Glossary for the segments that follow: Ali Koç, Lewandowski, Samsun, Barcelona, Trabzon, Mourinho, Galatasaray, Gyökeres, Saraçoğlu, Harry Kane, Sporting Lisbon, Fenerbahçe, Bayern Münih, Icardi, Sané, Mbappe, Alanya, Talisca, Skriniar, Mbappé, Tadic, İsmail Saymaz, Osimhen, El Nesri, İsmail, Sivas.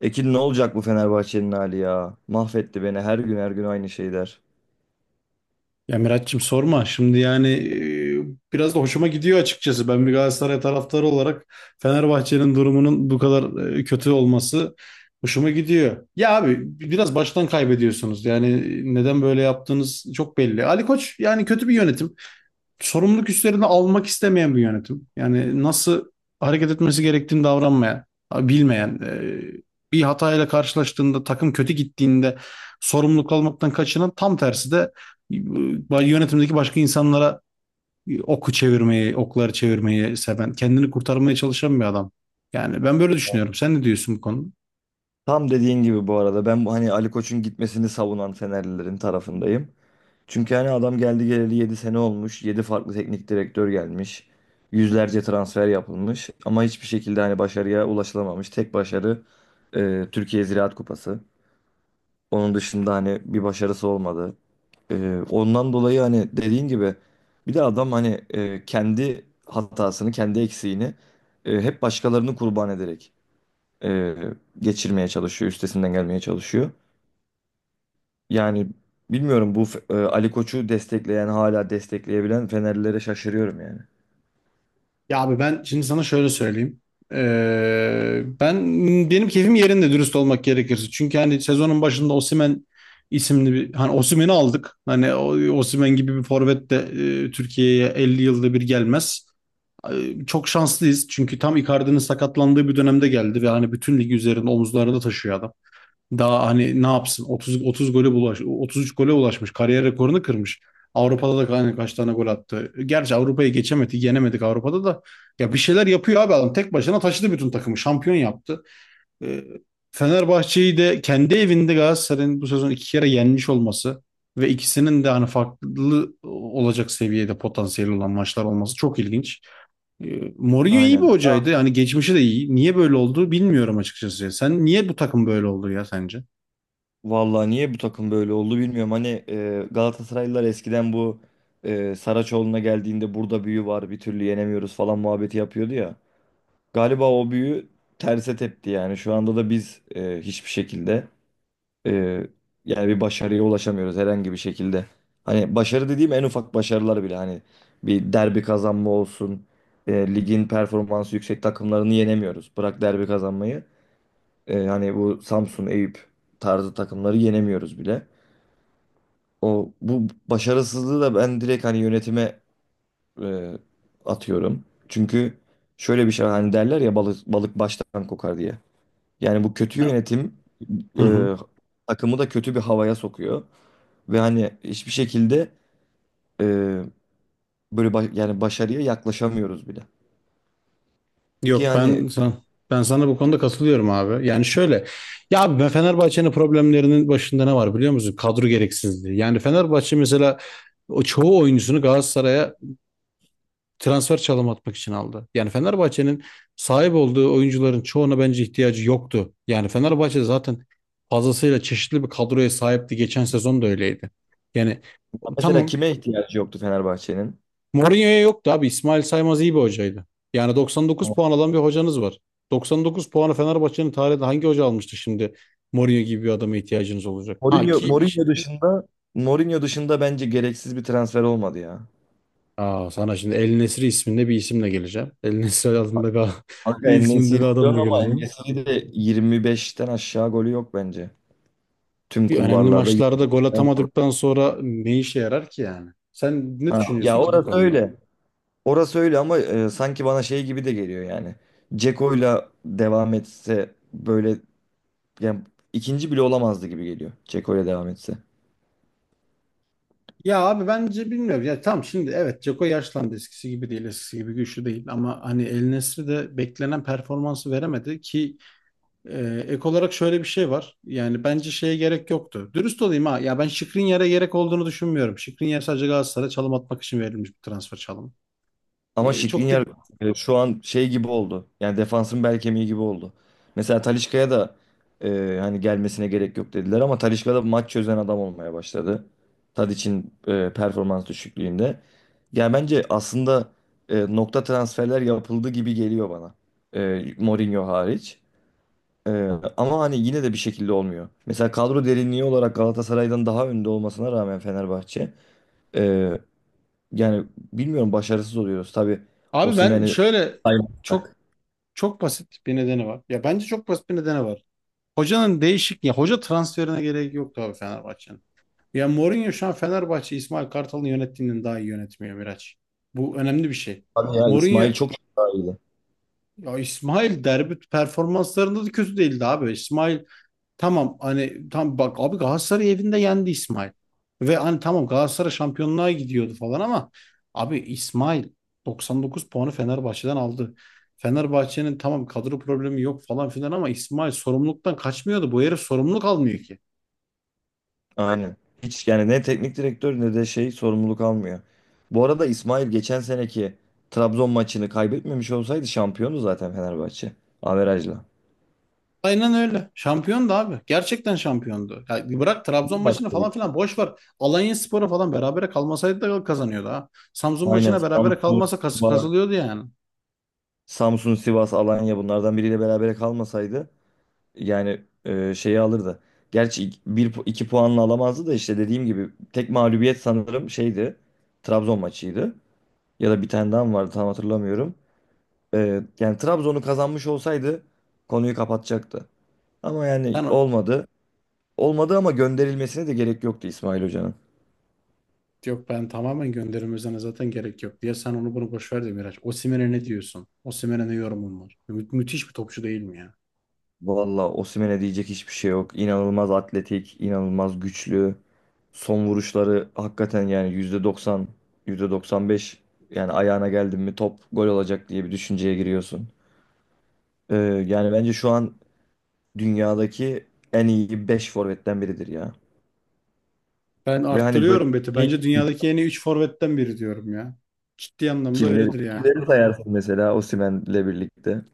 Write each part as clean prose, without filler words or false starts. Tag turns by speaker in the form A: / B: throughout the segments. A: Ekin ne olacak bu Fenerbahçe'nin hali ya? Mahvetti beni her gün her gün aynı şeyler.
B: Ya Miraç'cığım sorma. Şimdi yani biraz da hoşuma gidiyor açıkçası. Ben bir Galatasaray taraftarı olarak Fenerbahçe'nin durumunun bu kadar kötü olması hoşuma gidiyor. Ya abi biraz baştan kaybediyorsunuz. Yani neden böyle yaptığınız çok belli. Ali Koç yani kötü bir yönetim, sorumluluk üstlerini almak istemeyen bir yönetim. Yani nasıl hareket etmesi gerektiğini davranmayan, bilmeyen, bir hatayla karşılaştığında, takım kötü gittiğinde sorumluluk almaktan kaçınan, tam tersi de yönetimdeki başka insanlara oku çevirmeyi, okları çevirmeyi seven, kendini kurtarmaya çalışan bir adam. Yani ben böyle düşünüyorum. Sen ne diyorsun bu konuda?
A: Tam dediğin gibi bu arada ben bu Ali Koç'un gitmesini savunan Fenerlilerin tarafındayım. Çünkü adam geldi geleli 7 sene olmuş. 7 farklı teknik direktör gelmiş. Yüzlerce transfer yapılmış ama hiçbir şekilde başarıya ulaşılamamış. Tek başarı Türkiye Ziraat Kupası. Onun dışında bir başarısı olmadı. Ondan dolayı hani dediğin gibi bir de adam kendi hatasını, kendi eksiğini hep başkalarını kurban ederek e, geçirmeye çalışıyor, üstesinden gelmeye çalışıyor. Yani bilmiyorum bu Ali Koç'u destekleyen, hala destekleyebilen Fenerlilere şaşırıyorum yani.
B: Ya abi ben şimdi sana şöyle söyleyeyim. Ben benim keyfim yerinde, dürüst olmak gerekirse. Çünkü hani sezonun başında Osimhen isimli bir, hani Osimhen'i aldık. Osimhen gibi bir forvet de Türkiye'ye 50 yılda bir gelmez. Çok şanslıyız. Çünkü tam Icardi'nin sakatlandığı bir dönemde geldi ve hani bütün ligi üzerinde, omuzlarında taşıyor adam. Daha hani ne yapsın? 30 gole ulaş 33 gole ulaşmış. Kariyer rekorunu kırmış. Avrupa'da da hani kaç tane gol attı. Gerçi Avrupa'yı geçemedik, yenemedik Avrupa'da da. Ya bir şeyler yapıyor abi adam. Tek başına taşıdı bütün takımı. Şampiyon yaptı. Ee, Fenerbahçe'yi de kendi evinde Galatasaray'ın bu sezon iki kere yenmiş olması ve ikisinin de hani farklı olacak seviyede potansiyeli olan maçlar olması çok ilginç. Mourinho iyi bir
A: Aynen.
B: hocaydı. Yani geçmişi de iyi. Niye böyle oldu bilmiyorum açıkçası. Sen niye bu takım böyle oldu ya sence?
A: Vallahi niye bu takım böyle oldu bilmiyorum. Galatasaraylılar eskiden bu Saraçoğlu'na geldiğinde burada büyü var, bir türlü yenemiyoruz falan muhabbeti yapıyordu ya. Galiba o büyü terse tepti yani. Şu anda da biz hiçbir şekilde e, yani bir başarıya ulaşamıyoruz herhangi bir şekilde. Hani başarı dediğim en ufak başarılar bile hani bir derbi kazanma olsun. Ligin performansı yüksek takımlarını yenemiyoruz. Bırak derbi kazanmayı. Bu Samsun, Eyüp tarzı takımları yenemiyoruz bile. O bu başarısızlığı da ben direkt hani yönetime e, atıyorum. Çünkü şöyle bir şey hani derler ya balık balık baştan kokar diye. Yani bu kötü yönetim
B: Hı hı.
A: e, takımı da kötü bir havaya sokuyor ve hani hiçbir şekilde e, böyle yani başarıya yaklaşamıyoruz bile. Ki
B: Yok
A: yani
B: ben sana bu konuda katılıyorum abi. Yani şöyle, ya abi, ben Fenerbahçe'nin problemlerinin başında ne var biliyor musun? Kadro gereksizliği. Yani Fenerbahçe mesela o çoğu oyuncusunu Galatasaray'a transfer çalım atmak için aldı. Yani Fenerbahçe'nin sahip olduğu oyuncuların çoğuna bence ihtiyacı yoktu. Yani Fenerbahçe zaten fazlasıyla çeşitli bir kadroya sahipti. Geçen sezon da öyleydi. Yani
A: mesela
B: tamam,
A: kime ihtiyacı yoktu Fenerbahçe'nin?
B: Mourinho'ya yoktu abi. İsmail Saymaz iyi bir hocaydı. Yani 99 puan alan bir hocanız var. 99 puanı Fenerbahçe'nin tarihinde hangi hoca almıştı şimdi? Mourinho gibi bir adama ihtiyacınız olacak. Ha
A: Mourinho
B: ki bir şey-
A: Mourinho dışında Mourinho dışında bence gereksiz bir transfer olmadı ya.
B: Sana şimdi El Nesri isminde bir isimle geleceğim. El Nesri adında
A: Kanka en
B: isminde bir
A: diyorsun
B: adamla
A: ama en
B: geleceğim.
A: de 25'ten aşağı golü yok bence. Tüm
B: Bir, önemli
A: kulvarlarda
B: maçlarda gol
A: 25'ten.
B: atamadıktan sonra ne işe yarar ki yani? Sen ne
A: Ha, ya
B: düşünüyorsun ki bu
A: orası
B: konuda?
A: öyle. Orası öyle ama sanki bana şey gibi de geliyor yani. Ceko'yla devam etse böyle yani ikinci bile olamazdı gibi geliyor. Ceko'yla devam etse.
B: Ya abi bence bilmiyorum. Ya tamam şimdi, evet Ceko yaşlandı, eskisi gibi değil, eskisi gibi güçlü değil, ama hani El Nesri de beklenen performansı veremedi ki, ek olarak şöyle bir şey var. Yani bence şeye gerek yoktu. Dürüst olayım ha. Ya ben Skriniar'a gerek olduğunu düşünmüyorum. Skriniar sadece Galatasaray'a çalım atmak için verilmiş bir transfer çalımı.
A: Ama
B: Çok da
A: Skriniar şu an şey gibi oldu. Yani defansın bel kemiği gibi oldu. Mesela Talisca'ya da hani gelmesine gerek yok dediler ama Talisca da maç çözen adam olmaya başladı. Tadic'in performans düşüklüğünde. Yani bence aslında nokta transferler yapıldı gibi geliyor bana. Mourinho hariç. Ee, Ama hani yine de bir şekilde olmuyor. Mesela kadro derinliği olarak Galatasaray'dan daha önde olmasına rağmen Fenerbahçe ee, yani bilmiyorum başarısız oluyoruz. Tabii
B: abi ben
A: Osimhen'i
B: şöyle,
A: saymazsak.
B: çok çok basit bir nedeni var. Ya bence çok basit bir nedeni var. Hocanın değişik, ya hoca transferine gerek yoktu abi Fenerbahçe'nin. Ya Mourinho şu an Fenerbahçe İsmail Kartal'ın yönettiğinden daha iyi yönetmiyor Miraç. Bu önemli bir şey.
A: Tabii ya İsmail
B: Mourinho
A: çok daha iyiydi.
B: ya İsmail derbi performanslarında da kötü değildi abi. İsmail tamam, hani tam bak abi, Galatasaray evinde yendi İsmail. Ve hani tamam Galatasaray şampiyonluğa gidiyordu falan ama abi İsmail 99 puanı Fenerbahçe'den aldı. Fenerbahçe'nin tamam kadro problemi yok falan filan ama İsmail sorumluluktan kaçmıyordu. Bu herif sorumluluk almıyor ki.
A: Aynen. Hiç yani ne teknik direktör ne de şey sorumluluk almıyor. Bu arada İsmail geçen seneki Trabzon maçını kaybetmemiş olsaydı şampiyonu zaten Fenerbahçe. Averajla.
B: Aynen öyle. Şampiyondu abi. Gerçekten şampiyondu. Ya bırak Trabzon
A: Bir maç
B: maçını falan
A: tabii.
B: filan, boş ver. Alanyaspor'a falan berabere kalmasaydı da kazanıyordu ha. Samsun
A: Aynen
B: maçına berabere
A: Samsun
B: kalmasa kas
A: var.
B: kazılıyordu yani.
A: Samsun, Sivas, Alanya bunlardan biriyle berabere kalmasaydı yani şeyi alırdı. Gerçi iki puanla alamazdı da işte dediğim gibi tek mağlubiyet sanırım şeydi. Trabzon maçıydı. Ya da bir tane daha mı vardı tam hatırlamıyorum. Yani Trabzon'u kazanmış olsaydı konuyu kapatacaktı. Ama
B: Sen
A: yani
B: o-
A: olmadı. Olmadı ama gönderilmesine de gerek yoktu İsmail Hoca'nın.
B: yok ben tamamen gönderilmesine zaten gerek yok diye, sen onu bunu boş ver de Miraç. Osimhen'e ne diyorsun? Osimhen'e ne yorumun var? Müthiş bir topçu değil mi ya?
A: Valla Osimhen'e diyecek hiçbir şey yok. İnanılmaz atletik, inanılmaz güçlü. Son vuruşları hakikaten yani %90, %95 yani ayağına geldin mi top gol olacak diye bir düşünceye giriyorsun. Ee, Yani bence şu an dünyadaki en iyi 5 forvetten biridir ya.
B: Ben
A: Ve hani böyle
B: arttırıyorum Beti.
A: şey,
B: Bence dünyadaki en iyi 3 forvetten biri diyorum ya. Ciddi anlamda
A: kimleri,
B: öyledir ya.
A: kimleri sayarsın mesela Osimhen'le birlikte.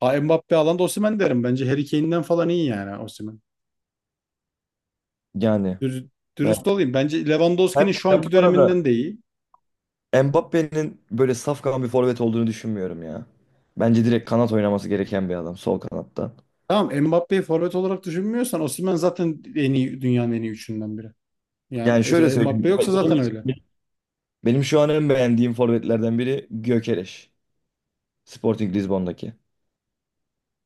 B: Ha, Mbappe alanda Osimhen derim. Bence Harry Kane'den falan iyi yani Osimhen.
A: Yani
B: Dür-
A: ben,
B: Dürüst olayım. Bence Lewandowski'nin şu
A: ben bu
B: anki
A: arada
B: döneminden de iyi.
A: Mbappe'nin böyle safkan bir forvet olduğunu düşünmüyorum ya. Bence direkt kanat oynaması gereken bir adam sol kanatta.
B: Tamam, Mbappé'yi forvet olarak düşünmüyorsan Osimhen zaten en iyi, dünyanın en iyi üçünden biri. Yani
A: Yani şöyle
B: Mbappé
A: söyleyeyim.
B: yoksa zaten öyle.
A: Benim, benim şu an en beğendiğim forvetlerden biri Gyökeres. Sporting Lisbon'daki.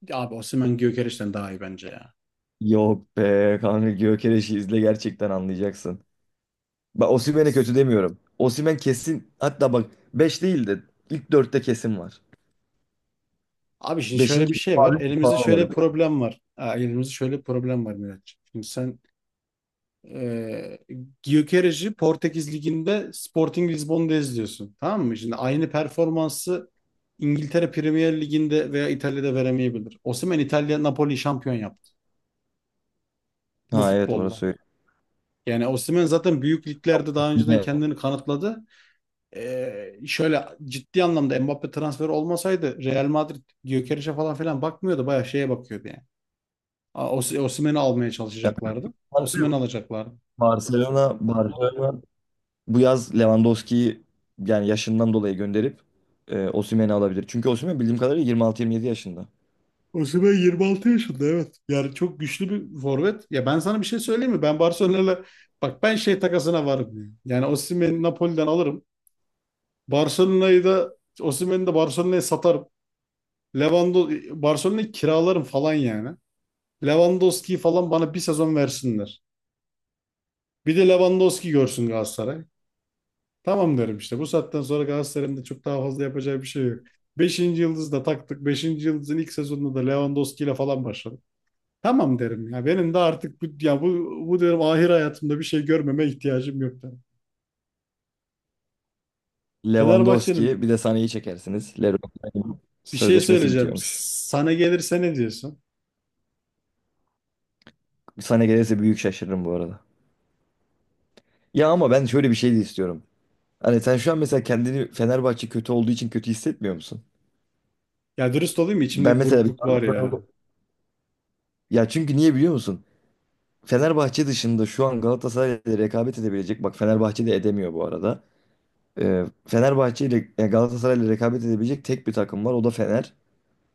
B: Ya abi, Osimhen Gyökeres'ten daha iyi bence ya.
A: Yok be kanka Gyökeres'i izle gerçekten anlayacaksın. Bak Osimhen'e kötü demiyorum. Osimhen kesin hatta bak 5 değil de ilk dörtte kesin var.
B: Abi şimdi şöyle
A: Beşinci
B: bir şey var.
A: falan
B: Elimizde
A: falan
B: şöyle
A: var.
B: bir problem var. Ha, elimizde şöyle bir problem var Miraç. Şimdi sen e, Gyökeres'i Portekiz Ligi'nde Sporting Lisbon'da izliyorsun. Tamam mı? Şimdi aynı performansı İngiltere Premier Ligi'nde veya İtalya'da veremeyebilir. Osimhen İtalya Napoli şampiyon yaptı bu
A: Ha evet
B: futbolla.
A: orası öyle.
B: Yani Osimhen zaten büyük liglerde daha önceden kendini kanıtladı. Şöyle, ciddi anlamda Mbappe transferi olmasaydı Real Madrid Gyökeres'e falan filan bakmıyordu. Bayağı şeye bakıyordu yani. Osimhen'i almaya
A: Evet.
B: çalışacaklardı. Osimhen'i alacaklardı.
A: Barcelona bu yaz Lewandowski'yi yani yaşından dolayı gönderip Osimhen'i alabilir. Çünkü Osimhen bildiğim kadarıyla 26-27 yaşında.
B: Osimhen 26 yaşında evet. Yani çok güçlü bir forvet. Ya ben sana bir şey söyleyeyim mi? Ben Barcelona'yla, bak ben şey takasına varım. Yani Osimhen'i Napoli'den alırım. Barcelona'yı da, Osimhen'i de Barcelona'ya satarım. Lewando Barcelona'yı kiralarım falan yani. Lewandowski'yi falan bana bir sezon versinler. Bir de Lewandowski görsün Galatasaray. Tamam derim işte. Bu saatten sonra Galatasaray'ın da çok daha fazla yapacağı bir şey yok. Beşinci yıldızı da taktık. Beşinci yıldızın ilk sezonunda da Lewandowski ile falan başladım. Tamam derim ya. Benim de artık bu derim, ahir hayatımda bir şey görmeme ihtiyacım yok derim.
A: Lewandowski
B: Fenerbahçe'nin
A: bir de Sané'yi çekersiniz. Leroy'un
B: bir şey
A: sözleşmesi
B: söyleyeceğim.
A: bitiyormuş.
B: Sana gelirse ne diyorsun?
A: Sané gelirse büyük şaşırırım bu arada. Ya ama ben şöyle bir şey de istiyorum. Hani sen şu an mesela kendini Fenerbahçe kötü olduğu için kötü hissetmiyor musun?
B: Ya dürüst olayım mı? İçimde
A: Ben
B: bir
A: mesela
B: burukluk var ya.
A: ya çünkü niye biliyor musun? Fenerbahçe dışında şu an Galatasaray'la rekabet edebilecek. Bak Fenerbahçe de edemiyor bu arada. Galatasaray ile rekabet edebilecek tek bir takım var. O da Fener.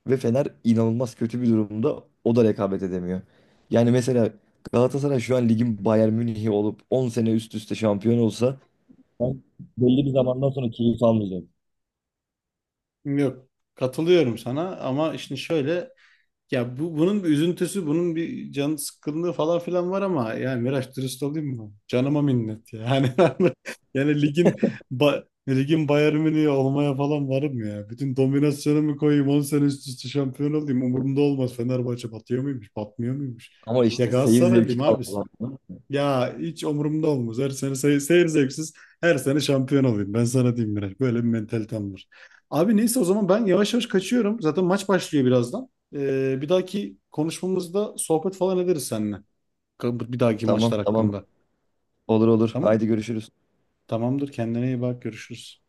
A: Ve Fener inanılmaz kötü bir durumda. O da rekabet edemiyor. Yani mesela Galatasaray şu an ligin Bayern Münih'i olup 10 sene üst üste şampiyon olsa ben belli bir zamandan sonra keyif almayacağım.
B: Yok. Katılıyorum sana ama işte şöyle, ya bu, bunun bir üzüntüsü, bunun bir can sıkkınlığı falan filan var ama yani Miraç, dürüst olayım mı? Canıma minnet ya. Yani yani ligin ligin Bayern Münih'i olmaya falan varım ya. Bütün dominasyonumu koyayım 10 sene üst üste şampiyon olayım. Umurumda olmaz. Fenerbahçe batıyor muymuş, batmıyor muymuş?
A: Ama
B: Ya
A: işte seyir zevki
B: Galatasaraylıyım abi.
A: kalmadı.
B: Ya hiç umurumda olmaz. Her sene seyir zevksiz. Her sene şampiyon olayım. Ben sana diyeyim Miraç. Böyle bir mentalitem var. Abi neyse o zaman ben yavaş yavaş kaçıyorum. Zaten maç başlıyor birazdan. Bir dahaki konuşmamızda sohbet falan ederiz seninle. Bir dahaki
A: Tamam
B: maçlar
A: tamam
B: hakkında.
A: olur olur.
B: Tamam.
A: Haydi görüşürüz.
B: Tamamdır. Kendine iyi bak. Görüşürüz.